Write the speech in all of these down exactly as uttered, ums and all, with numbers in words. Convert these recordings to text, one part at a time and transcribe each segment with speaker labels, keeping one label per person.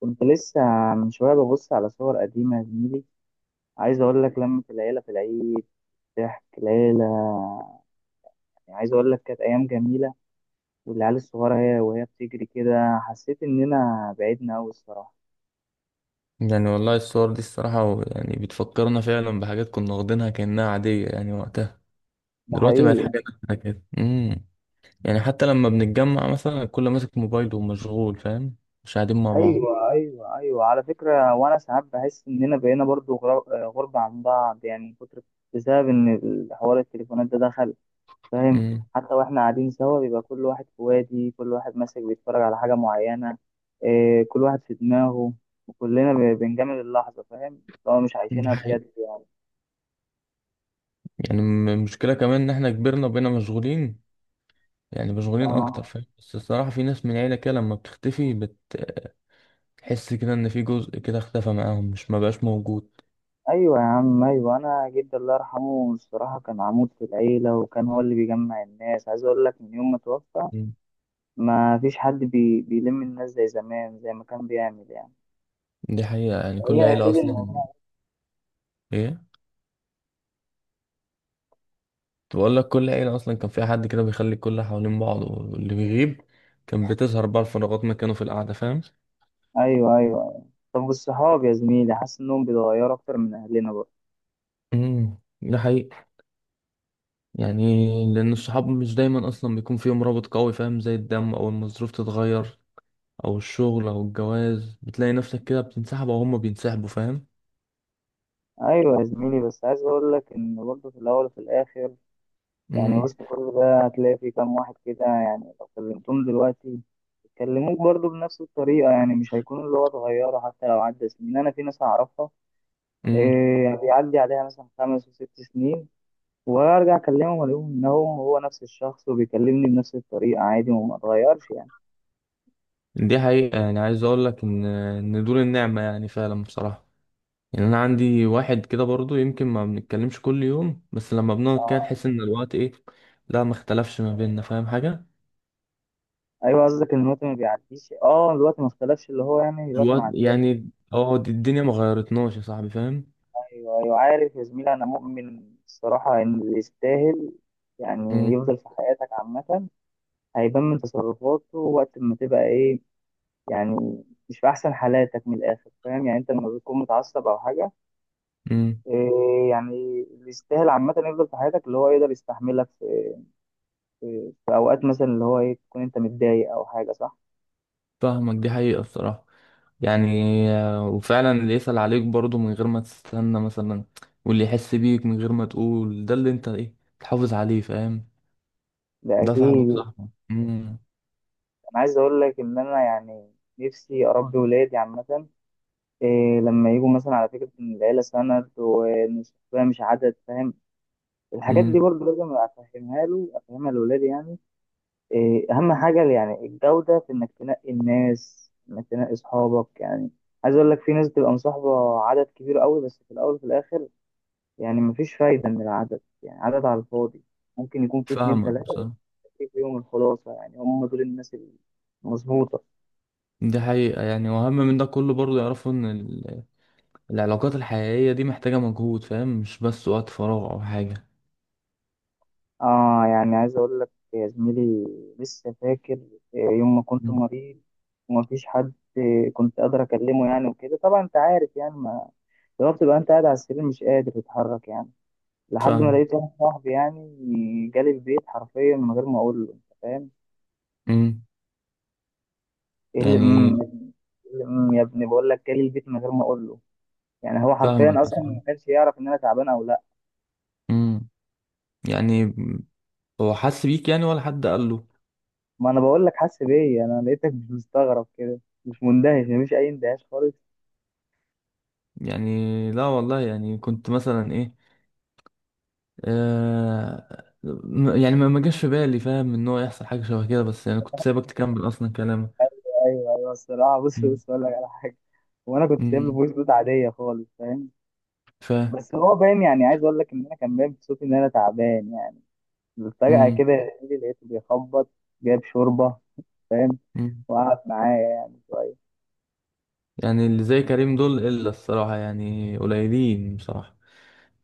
Speaker 1: كنت لسه من شوية ببص على صور قديمة يا زميلي. عايز أقول لك لمة العيلة في العيد، ضحك العيلة، يعني عايز أقول لك كانت أيام جميلة. والعيال الصغيرة هي وهي بتجري كده، حسيت إننا بعدنا أوي الصراحة.
Speaker 2: يعني والله الصور دي الصراحة و- يعني بتفكرنا فعلا بحاجات كنا واخدينها كأنها عادية يعني وقتها.
Speaker 1: ده
Speaker 2: دلوقتي بقت
Speaker 1: حقيقي.
Speaker 2: حاجة نادرة كده. امم يعني حتى لما بنتجمع مثلا الكل ماسك موبايله ومشغول، فاهم؟ مش قاعدين مع بعض.
Speaker 1: أيوة أيوة أيوة، على فكرة وأنا ساعات بحس إننا بقينا برضو غر- غربة عن بعض، يعني من كتر، بسبب إن الحوار التليفونات ده دخل. فاهم؟
Speaker 2: امم.
Speaker 1: حتى واحنا قاعدين سوا بيبقى كل واحد في وادي، كل واحد ماسك بيتفرج على حاجة معينة. إيه، كل واحد في دماغه، وكلنا ب- بنجامل اللحظة، فاهم؟ لو مش
Speaker 2: دي
Speaker 1: عايشينها
Speaker 2: حقيقة.
Speaker 1: بجد يعني.
Speaker 2: يعني م- المشكلة كمان إن احنا كبرنا وبقينا مشغولين، يعني مشغولين أكتر،
Speaker 1: آه.
Speaker 2: فاهم؟ بس الصراحة في ناس من العيلة كده لما بتختفي، بتحس كده إن في جزء كده اختفى معاهم، مش مبقاش موجود.
Speaker 1: أيوة يا عم، أيوة، أنا جدي الله يرحمه الصراحة كان عمود في العيلة، وكان هو اللي بيجمع الناس. عايز أقول لك من يوم ما توفى
Speaker 2: مم.
Speaker 1: ما فيش حد بي... بيلم الناس زي زمان، زي ما كان بيعمل يعني.
Speaker 2: دي حقيقة يعني كل
Speaker 1: هي
Speaker 2: عيلة
Speaker 1: أكيد
Speaker 2: أصلا.
Speaker 1: الموضوع.
Speaker 2: إيه، بقول لك كل عيلة أصلا كان فيها حد كده بيخلي الكل حوالين بعض، واللي بيغيب كان بتظهر بقى الفراغات مكانه في القعدة، فاهم؟
Speaker 1: أيوة أيوة. طب والصحاب يا زميلي، حاسس إنهم بيتغيروا أكتر من أهلنا برضه؟
Speaker 2: امم. ده حقيقي يعني، لأن الصحاب مش دايما أصلا بيكون فيهم رابط قوي، فاهم؟ زي الدم، أو المصروف تتغير أو الشغل أو الجواز، بتلاقي نفسك كده بتنسحب، أو هما بينسحبوا، فاهم؟
Speaker 1: ايوه يا زميلي، بس عايز اقول لك ان برضه في الاول وفي الاخر، يعني
Speaker 2: امم.
Speaker 1: وسط كل ده هتلاقي في كام واحد كده، يعني لو كلمتهم دلوقتي يكلموك برضه بنفس الطريقه، يعني مش هيكون اللي هو اتغيروا حتى لو عدى سنين. انا في ناس اعرفها،
Speaker 2: امم.
Speaker 1: إيه يعني، بيعدي عليها مثلا خمس وست سنين وارجع اكلمهم الاقيهم انهم هو نفس الشخص، وبيكلمني بنفس الطريقه عادي وما اتغيرش يعني.
Speaker 2: دي حقيقة، يعني عايز أقول لك إن إن دول النعمة، يعني فعلا بصراحة. يعني انا عندي واحد كده برضو يمكن ما بنتكلمش كل يوم، بس لما بنقعد كده نحس ان الوقت ايه، لا، ما اختلفش ما بيننا، فاهم حاجة؟
Speaker 1: ايوه، قصدك ان الوقت ما بيعديش. اه، الوقت ما اختلفش، اللي هو يعني الوقت ما
Speaker 2: الوقت
Speaker 1: عداش.
Speaker 2: يعني اه، دي- الدنيا ما غيرتناش يا صاحبي، فاهم؟
Speaker 1: ايوه ايوه، عارف يا زميلي، انا مؤمن الصراحه ان اللي يستاهل يعني
Speaker 2: امم.
Speaker 1: يفضل في حياتك عامه هيبان من تصرفاته وقت ما تبقى ايه، يعني مش في احسن حالاتك من الاخر. فاهم؟ يعني انت لما بتكون متعصب او حاجه،
Speaker 2: امم.
Speaker 1: إيه يعني، اللي يستاهل عامه يفضل في حياتك، اللي هو يقدر يستحملك في, في, في اوقات مثلا اللي هو ايه، تكون انت متضايق او حاجه، صح؟
Speaker 2: فاهمك. دي حقيقة الصراحة. يعني آه، وفعلا اللي يسأل عليك برضو من غير ما تستنى مثلا، واللي يحس بيك من غير ما تقول، ده اللي انت ايه، تحافظ عليه، فاهم؟
Speaker 1: ده
Speaker 2: ده صاحبك
Speaker 1: اكيد.
Speaker 2: صاحبك. امم.
Speaker 1: انا عايز اقول لك ان انا يعني نفسي اربي ولادي عامه، إيه لما يجوا مثلا، على فكرة، إن العيلة سند وإن الصحبة مش عدد. فاهم؟ الحاجات دي
Speaker 2: امم.
Speaker 1: برضه لازم أفهمها له، أفهمها لأولادي يعني. إيه أهم حاجة يعني الجودة، في إنك تنقي الناس، إنك تنقي أصحابك يعني. عايز أقول لك في ناس بتبقى مصاحبة عدد كبير قوي، بس في الأول وفي الآخر يعني مفيش فايدة من العدد، يعني عدد على الفاضي. ممكن يكون في اتنين
Speaker 2: فاهمك
Speaker 1: تلاتة
Speaker 2: بصراحة.
Speaker 1: في يوم الخلاصة، يعني هم دول الناس المظبوطة.
Speaker 2: دي حقيقة، يعني وأهم من ده كله برضو يعرفوا إن العلاقات الحقيقية دي محتاجة مجهود، فاهم؟ مش بس وقت فراغ أو حاجة.
Speaker 1: اه، يعني عايز اقول لك يا زميلي، لسه فاكر آه، يوم ما كنت
Speaker 2: مم.
Speaker 1: مريض ومفيش حد آه، كنت قادر اكلمه يعني، وكده طبعا انت عارف يعني، ما لو بتبقى انت قاعد على السرير مش قادر تتحرك يعني، لحد ما
Speaker 2: فاهمك.
Speaker 1: لقيت واحد صاحبي يعني جالي البيت حرفيا من غير ما اقول له. انت فاهم؟
Speaker 2: مم.
Speaker 1: ايه اللي
Speaker 2: يعني
Speaker 1: امم إيه اللي امم يا ابني، بقول لك جالي البيت من غير ما اقول له، يعني هو حرفيا
Speaker 2: فاهمك يا
Speaker 1: اصلا
Speaker 2: صاحبي.
Speaker 1: ما كانش يعرف ان انا تعبان او لا.
Speaker 2: مم. يعني هو حس بيك يعني، ولا حد قال له؟
Speaker 1: ما انا بقول لك حاسس بيا، انا لقيتك مش مستغرب كده، مش مندهش، مفيش اي اندهاش خالص.
Speaker 2: يعني لا والله، يعني كنت مثلا إيه، آه، م- يعني ما ما جاش في بالي، فاهم؟ إن هو يحصل حاجة شبه كده، بس يعني كنت سايبك تكمل أصلا كلامك.
Speaker 1: ايوه ايوه الصراحه، بص
Speaker 2: مم.
Speaker 1: بص اقول لك على حاجه، وانا كنت سايب له
Speaker 2: مم.
Speaker 1: فويس نوت عاديه خالص، فاهم؟
Speaker 2: فاهم.
Speaker 1: بس هو باين، يعني عايز اقول لك ان انا كان باين بصوتي ان انا تعبان يعني. فجاه
Speaker 2: مم.
Speaker 1: كده يجي لقيته بيخبط جايب شوربه، فاهم؟
Speaker 2: مم.
Speaker 1: وقعد معايا يعني شويه.
Speaker 2: يعني اللي زي كريم دول إلا، الصراحة يعني قليلين بصراحة.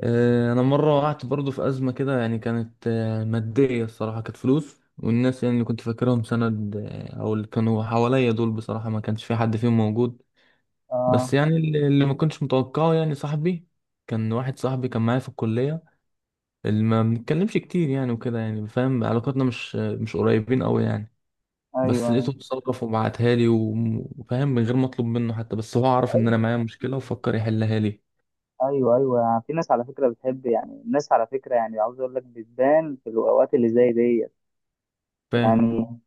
Speaker 2: آه، انا مره وقعت برضو في ازمه كده، يعني كانت آه، ماديه، الصراحه كانت فلوس، والناس يعني اللي كنت فاكرهم سند، آه، او اللي كانوا حواليا دول، بصراحه ما كانش في حد فيهم موجود. بس
Speaker 1: اه.
Speaker 2: يعني اللي اللي ما كنتش متوقعه يعني صاحبي، كان واحد صاحبي كان معايا في الكليه، اللي ما بنتكلمش كتير يعني، وكده يعني، فاهم؟ علاقاتنا مش مش قريبين قوي يعني. بس لقيته
Speaker 1: ايوه
Speaker 2: اتصرف وبعتها لي و- وفاهم، من غير ما اطلب منه حتى، بس هو عرف ان انا
Speaker 1: ايوه
Speaker 2: معايا مشكله وفكر يحلها لي.
Speaker 1: ايوه ايوه، يعني في ناس على فكره بتحب، يعني الناس على فكره، يعني عاوز اقول لك بتبان في الاوقات اللي زي ديت يعني.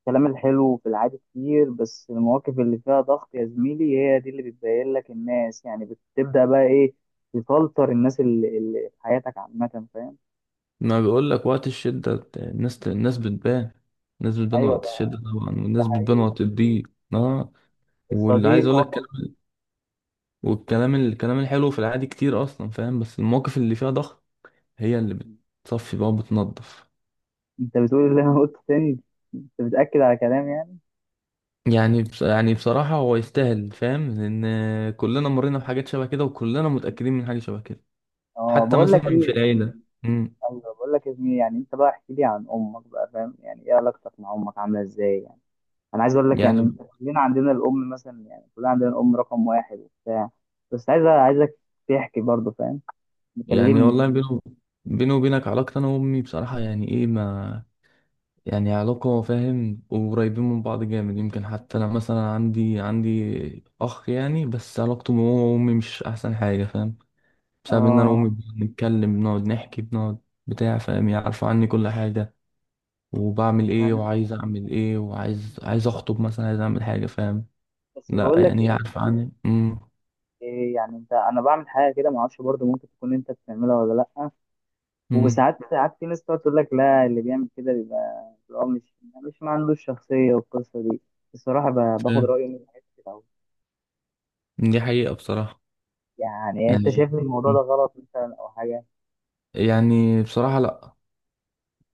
Speaker 1: الكلام الحلو في العادي كتير، بس المواقف اللي فيها ضغط يا زميلي هي دي اللي بتبين لك الناس يعني. بتبدأ بقى ايه، تفلتر الناس اللي, اللي في حياتك عامة. فاهم؟
Speaker 2: ما بقول لك وقت الشدة الناس، الناس بتبان. الناس بتبان
Speaker 1: ايوه،
Speaker 2: وقت الشدة طبعا،
Speaker 1: ده
Speaker 2: والناس بتبان
Speaker 1: حقيقي.
Speaker 2: وقت الضيق. اه. واللي عايز
Speaker 1: الصديق.
Speaker 2: اقول لك كلام، والكلام الكلام الحلو في العادي كتير اصلا، فاهم؟ بس المواقف اللي فيها ضغط هي اللي بتصفي بقى وبتنضف.
Speaker 1: انت بتقول اللي انا قلته تاني، انت بتأكد على كلام يعني.
Speaker 2: يعني بص، يعني بصراحة هو يستاهل، فاهم؟ لأن كلنا مرينا بحاجات شبه كده، وكلنا متأكدين من حاجة شبه كده،
Speaker 1: اه،
Speaker 2: حتى
Speaker 1: بقول لك
Speaker 2: مثلا في
Speaker 1: ايه،
Speaker 2: العيلة. مم.
Speaker 1: ايوه بقول لك يا زميلي، يعني انت بقى احكي لي عن امك بقى. فاهم؟ يعني ايه علاقتك مع امك عامله ازاي يعني؟ انا عايز اقول لك
Speaker 2: يعني.
Speaker 1: يعني انت، كلنا عندنا الام مثلا، يعني كلنا عندنا الام رقم واحد وبتاع، بس عايز عايزك تحكي برضه، فاهم؟
Speaker 2: يعني
Speaker 1: مكلمني
Speaker 2: والله
Speaker 1: كده.
Speaker 2: بينه بيني وبينك، علاقتي أنا وأمي بصراحة يعني إيه، ما يعني علاقة، فاهم؟ وقريبين من بعض جامد، يمكن حتى أنا مثلا عندي عندي أخ يعني، بس علاقته بابا وأمي مش أحسن حاجة، فاهم؟ بسبب إن أنا وأمي
Speaker 1: اه.
Speaker 2: بنتكلم، بنقعد نحكي، بنقعد بتاع، فاهم؟ يعني عارفة عني كل حاجة، وبعمل إيه
Speaker 1: انا
Speaker 2: وعايز أعمل إيه، وعايز عايز أخطب مثلا، عايز أعمل حاجة، فاهم؟
Speaker 1: بس
Speaker 2: لا
Speaker 1: بقول لك
Speaker 2: يعني هي
Speaker 1: ايه،
Speaker 2: عارفة عني. أمم.
Speaker 1: إيه يعني انت، انا بعمل حاجه كده ما اعرفش برضه، ممكن تكون انت بتعملها ولا لا.
Speaker 2: أمم.
Speaker 1: وساعات ساعات في ناس تقعد تقول لك لا، اللي بيعمل كده بيبقى اللي هو مش، مش ما عندوش شخصيه، والقصه دي الصراحه ب- باخد
Speaker 2: فاهم.
Speaker 1: رايه من حاجات كتير أوي.
Speaker 2: دي حقيقة بصراحة.
Speaker 1: يعني إيه، انت
Speaker 2: يعني
Speaker 1: شايف ان الموضوع ده
Speaker 2: مم.
Speaker 1: غلط مثلا او حاجه؟
Speaker 2: يعني بصراحة لأ،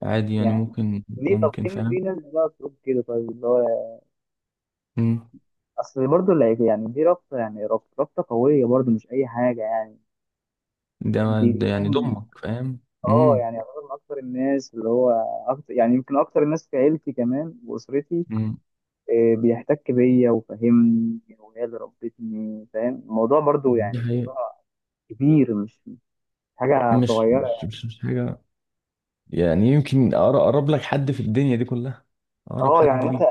Speaker 2: عادي يعني
Speaker 1: يعني
Speaker 2: ممكن.
Speaker 1: ليه؟ طب
Speaker 2: ممكن،
Speaker 1: في في
Speaker 2: فاهم؟
Speaker 1: ناس بقى تقول كده، طيب اللي هو اصل برضه اللي هيك- يعني دي رابطه، يعني رابطه رابطه قويه برضه، مش اي حاجه يعني.
Speaker 2: ده ما-
Speaker 1: دي
Speaker 2: ده
Speaker 1: دي
Speaker 2: يعني
Speaker 1: امي،
Speaker 2: ضمك، فاهم؟
Speaker 1: اه،
Speaker 2: امم.
Speaker 1: يعني يعتبر من اكتر الناس اللي هو أكتر، يعني يمكن اكتر الناس في عيلتي كمان واسرتي،
Speaker 2: امم.
Speaker 1: آه، بيحتك بيا وفاهمني وهي اللي ربتني، فاهم؟ الموضوع برضو
Speaker 2: دي
Speaker 1: يعني
Speaker 2: حقيقة.
Speaker 1: موضوع كبير، مش مش حاجه
Speaker 2: مش
Speaker 1: صغيره.
Speaker 2: مش مش, مش حاجة. يعني يمكن أقر- اقرب لك حد في الدنيا دي كلها، اقرب
Speaker 1: اه،
Speaker 2: حد
Speaker 1: يعني انت،
Speaker 2: ليه.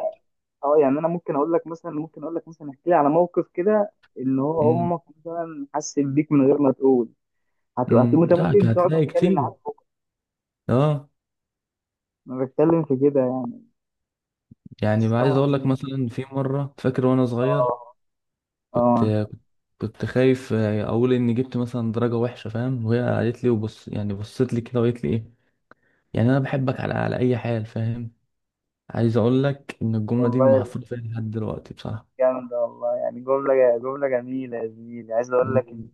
Speaker 1: اه يعني انا ممكن اقول لك مثلا ممكن اقول لك مثلا احكي لي على موقف كده ان هو
Speaker 2: امم.
Speaker 1: امك مثلا حست بيك من غير ما تقول. هت- هت-
Speaker 2: امم.
Speaker 1: انت
Speaker 2: لا،
Speaker 1: ممكن تقعد
Speaker 2: هتلاقي
Speaker 1: تتكلم
Speaker 2: كتير.
Speaker 1: معاك،
Speaker 2: اه،
Speaker 1: انا بتكلم في كده يعني.
Speaker 2: يعني بقى عايز
Speaker 1: الصراحة
Speaker 2: اقول لك
Speaker 1: دي-
Speaker 2: مثلا في مرة فاكر وانا صغير،
Speaker 1: اه. اه
Speaker 2: كنت كنت خايف اقول اني جبت مثلا درجة وحشة، فاهم؟ وهي قالت لي وبص، يعني بصت لي كده وقالت لي ايه، يعني انا بحبك على على اي حال، فاهم؟ عايز اقول لك ان الجملة دي
Speaker 1: والله،
Speaker 2: محفورة فيها لحد دلوقتي
Speaker 1: جامدة والله، يعني جملة جملة جميلة يا زميلي. عايز أقول لك إن
Speaker 2: بصراحة.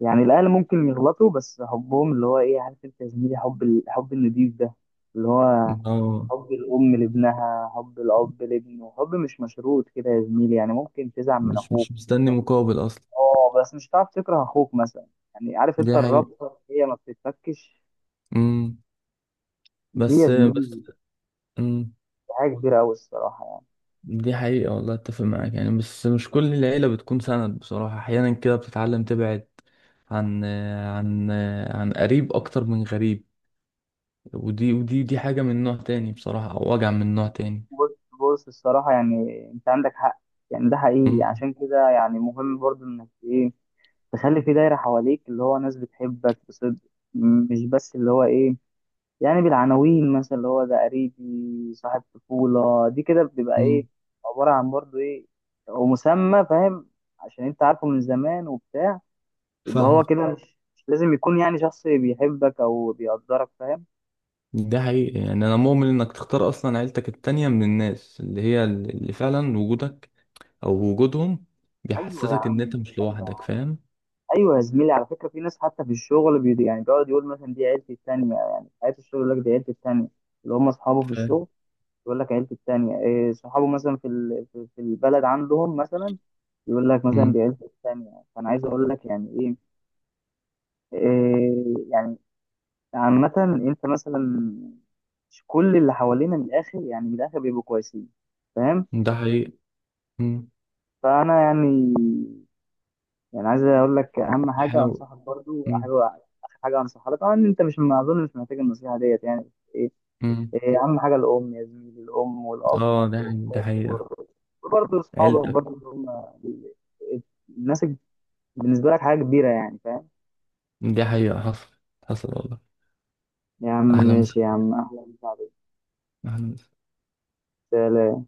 Speaker 1: يعني الأهل ممكن يغلطوا، بس حبهم اللي هو إيه، عارف أنت يا زميلي، حب، الحب النضيف ده، اللي هو
Speaker 2: اه.
Speaker 1: حب الأم لابنها، حب الأب لابنه، حب مش مشروط كده يا زميلي. يعني ممكن تزعل من
Speaker 2: مش
Speaker 1: أخوك،
Speaker 2: مش مستني مقابل اصلا.
Speaker 1: أه، بس مش هتعرف تكره أخوك مثلا. يعني عارف
Speaker 2: دي
Speaker 1: أنت،
Speaker 2: حقيقة.
Speaker 1: الرابطة هي ما بتتفكش
Speaker 2: امم.
Speaker 1: دي يا
Speaker 2: بس
Speaker 1: زميلي،
Speaker 2: بس. امم.
Speaker 1: حاجة كبيرة أوي الصراحة يعني.
Speaker 2: دي حقيقة والله، اتفق معاك يعني، بس مش كل العيلة بتكون سند بصراحة، احيانا كده بتتعلم تبعد عن عن عن قريب اكتر من غريب، ودي ودي دي حاجة من نوع تاني بصراحة، او وجع من نوع تاني.
Speaker 1: بص بص الصراحة، يعني أنت عندك حق، يعني ده حقيقي.
Speaker 2: امم.
Speaker 1: عشان كده يعني مهم برضو انك ايه، تخلي في دايرة حواليك اللي هو ناس بتحبك بصدق، م- مش بس اللي هو ايه، يعني بالعناوين مثلا اللي هو ده قريبي، صاحب طفولة، دي كده بتبقى ايه،
Speaker 2: امم.
Speaker 1: عبارة عن برضه ايه، ومسمى، فاهم؟ عشان انت عارفه من زمان وبتاع، يبقى هو
Speaker 2: فاهمة.
Speaker 1: كده مش، مش لازم يكون يعني شخص بيحبك او بيقدرك. فاهم؟
Speaker 2: ده حقيقي، يعني انا مؤمن انك تختار اصلا عيلتك التانية من الناس، اللي هي اللي فعلا وجودك او وجودهم
Speaker 1: ايوه يا
Speaker 2: بيحسسك ان انت
Speaker 1: عم،
Speaker 2: مش
Speaker 1: ايوه يا
Speaker 2: لوحدك،
Speaker 1: عم.
Speaker 2: فاهم؟
Speaker 1: ايوه يا زميلي، على فكرة في ناس حتى في الشغل بي يعني بيقعد يقول مثلا دي عيلتي التانية، يعني حياة الشغل يقول لك دي عيلتي التانية، اللي هم اصحابه في
Speaker 2: فاهم.
Speaker 1: الشغل، يقول لك عيلته التانية، إيه، صحابه مثلا في ال- في في البلد عندهم مثلا يقول لك مثلا
Speaker 2: مم.
Speaker 1: دي عيلته التانية. فأنا عايز أقول لك يعني إيه، إيه يعني، عامة، أنت مثلا مش كل اللي حوالينا من الآخر، يعني من الآخر بيبقوا كويسين، فاهم؟
Speaker 2: ده حقيقي. مم.
Speaker 1: فأنا يعني، يعني عايز أقول لك أهم حاجة
Speaker 2: حاول.
Speaker 1: أنصحك برضو،
Speaker 2: مم.
Speaker 1: حاجة آخر حاجة أنصحها لك، طبعا أنت مش، ما أظن مش محتاج النصيحة ديت يعني.
Speaker 2: مم.
Speaker 1: إيه اهم حاجه الام يا زميلي، الام والاب،
Speaker 2: اه، ده ده حقيقة
Speaker 1: برضه اصحابك،
Speaker 2: عيلتك.
Speaker 1: برضه هم، ال- الناس بالنسبه لك حاجه كبيره يعني. فاهم؟
Speaker 2: دي حقيقة حصل. حصل والله.
Speaker 1: يا عم
Speaker 2: اهلا وسهلا.
Speaker 1: ماشي يا عم، اهلا
Speaker 2: أهلاً وسهلا.
Speaker 1: وسهلا.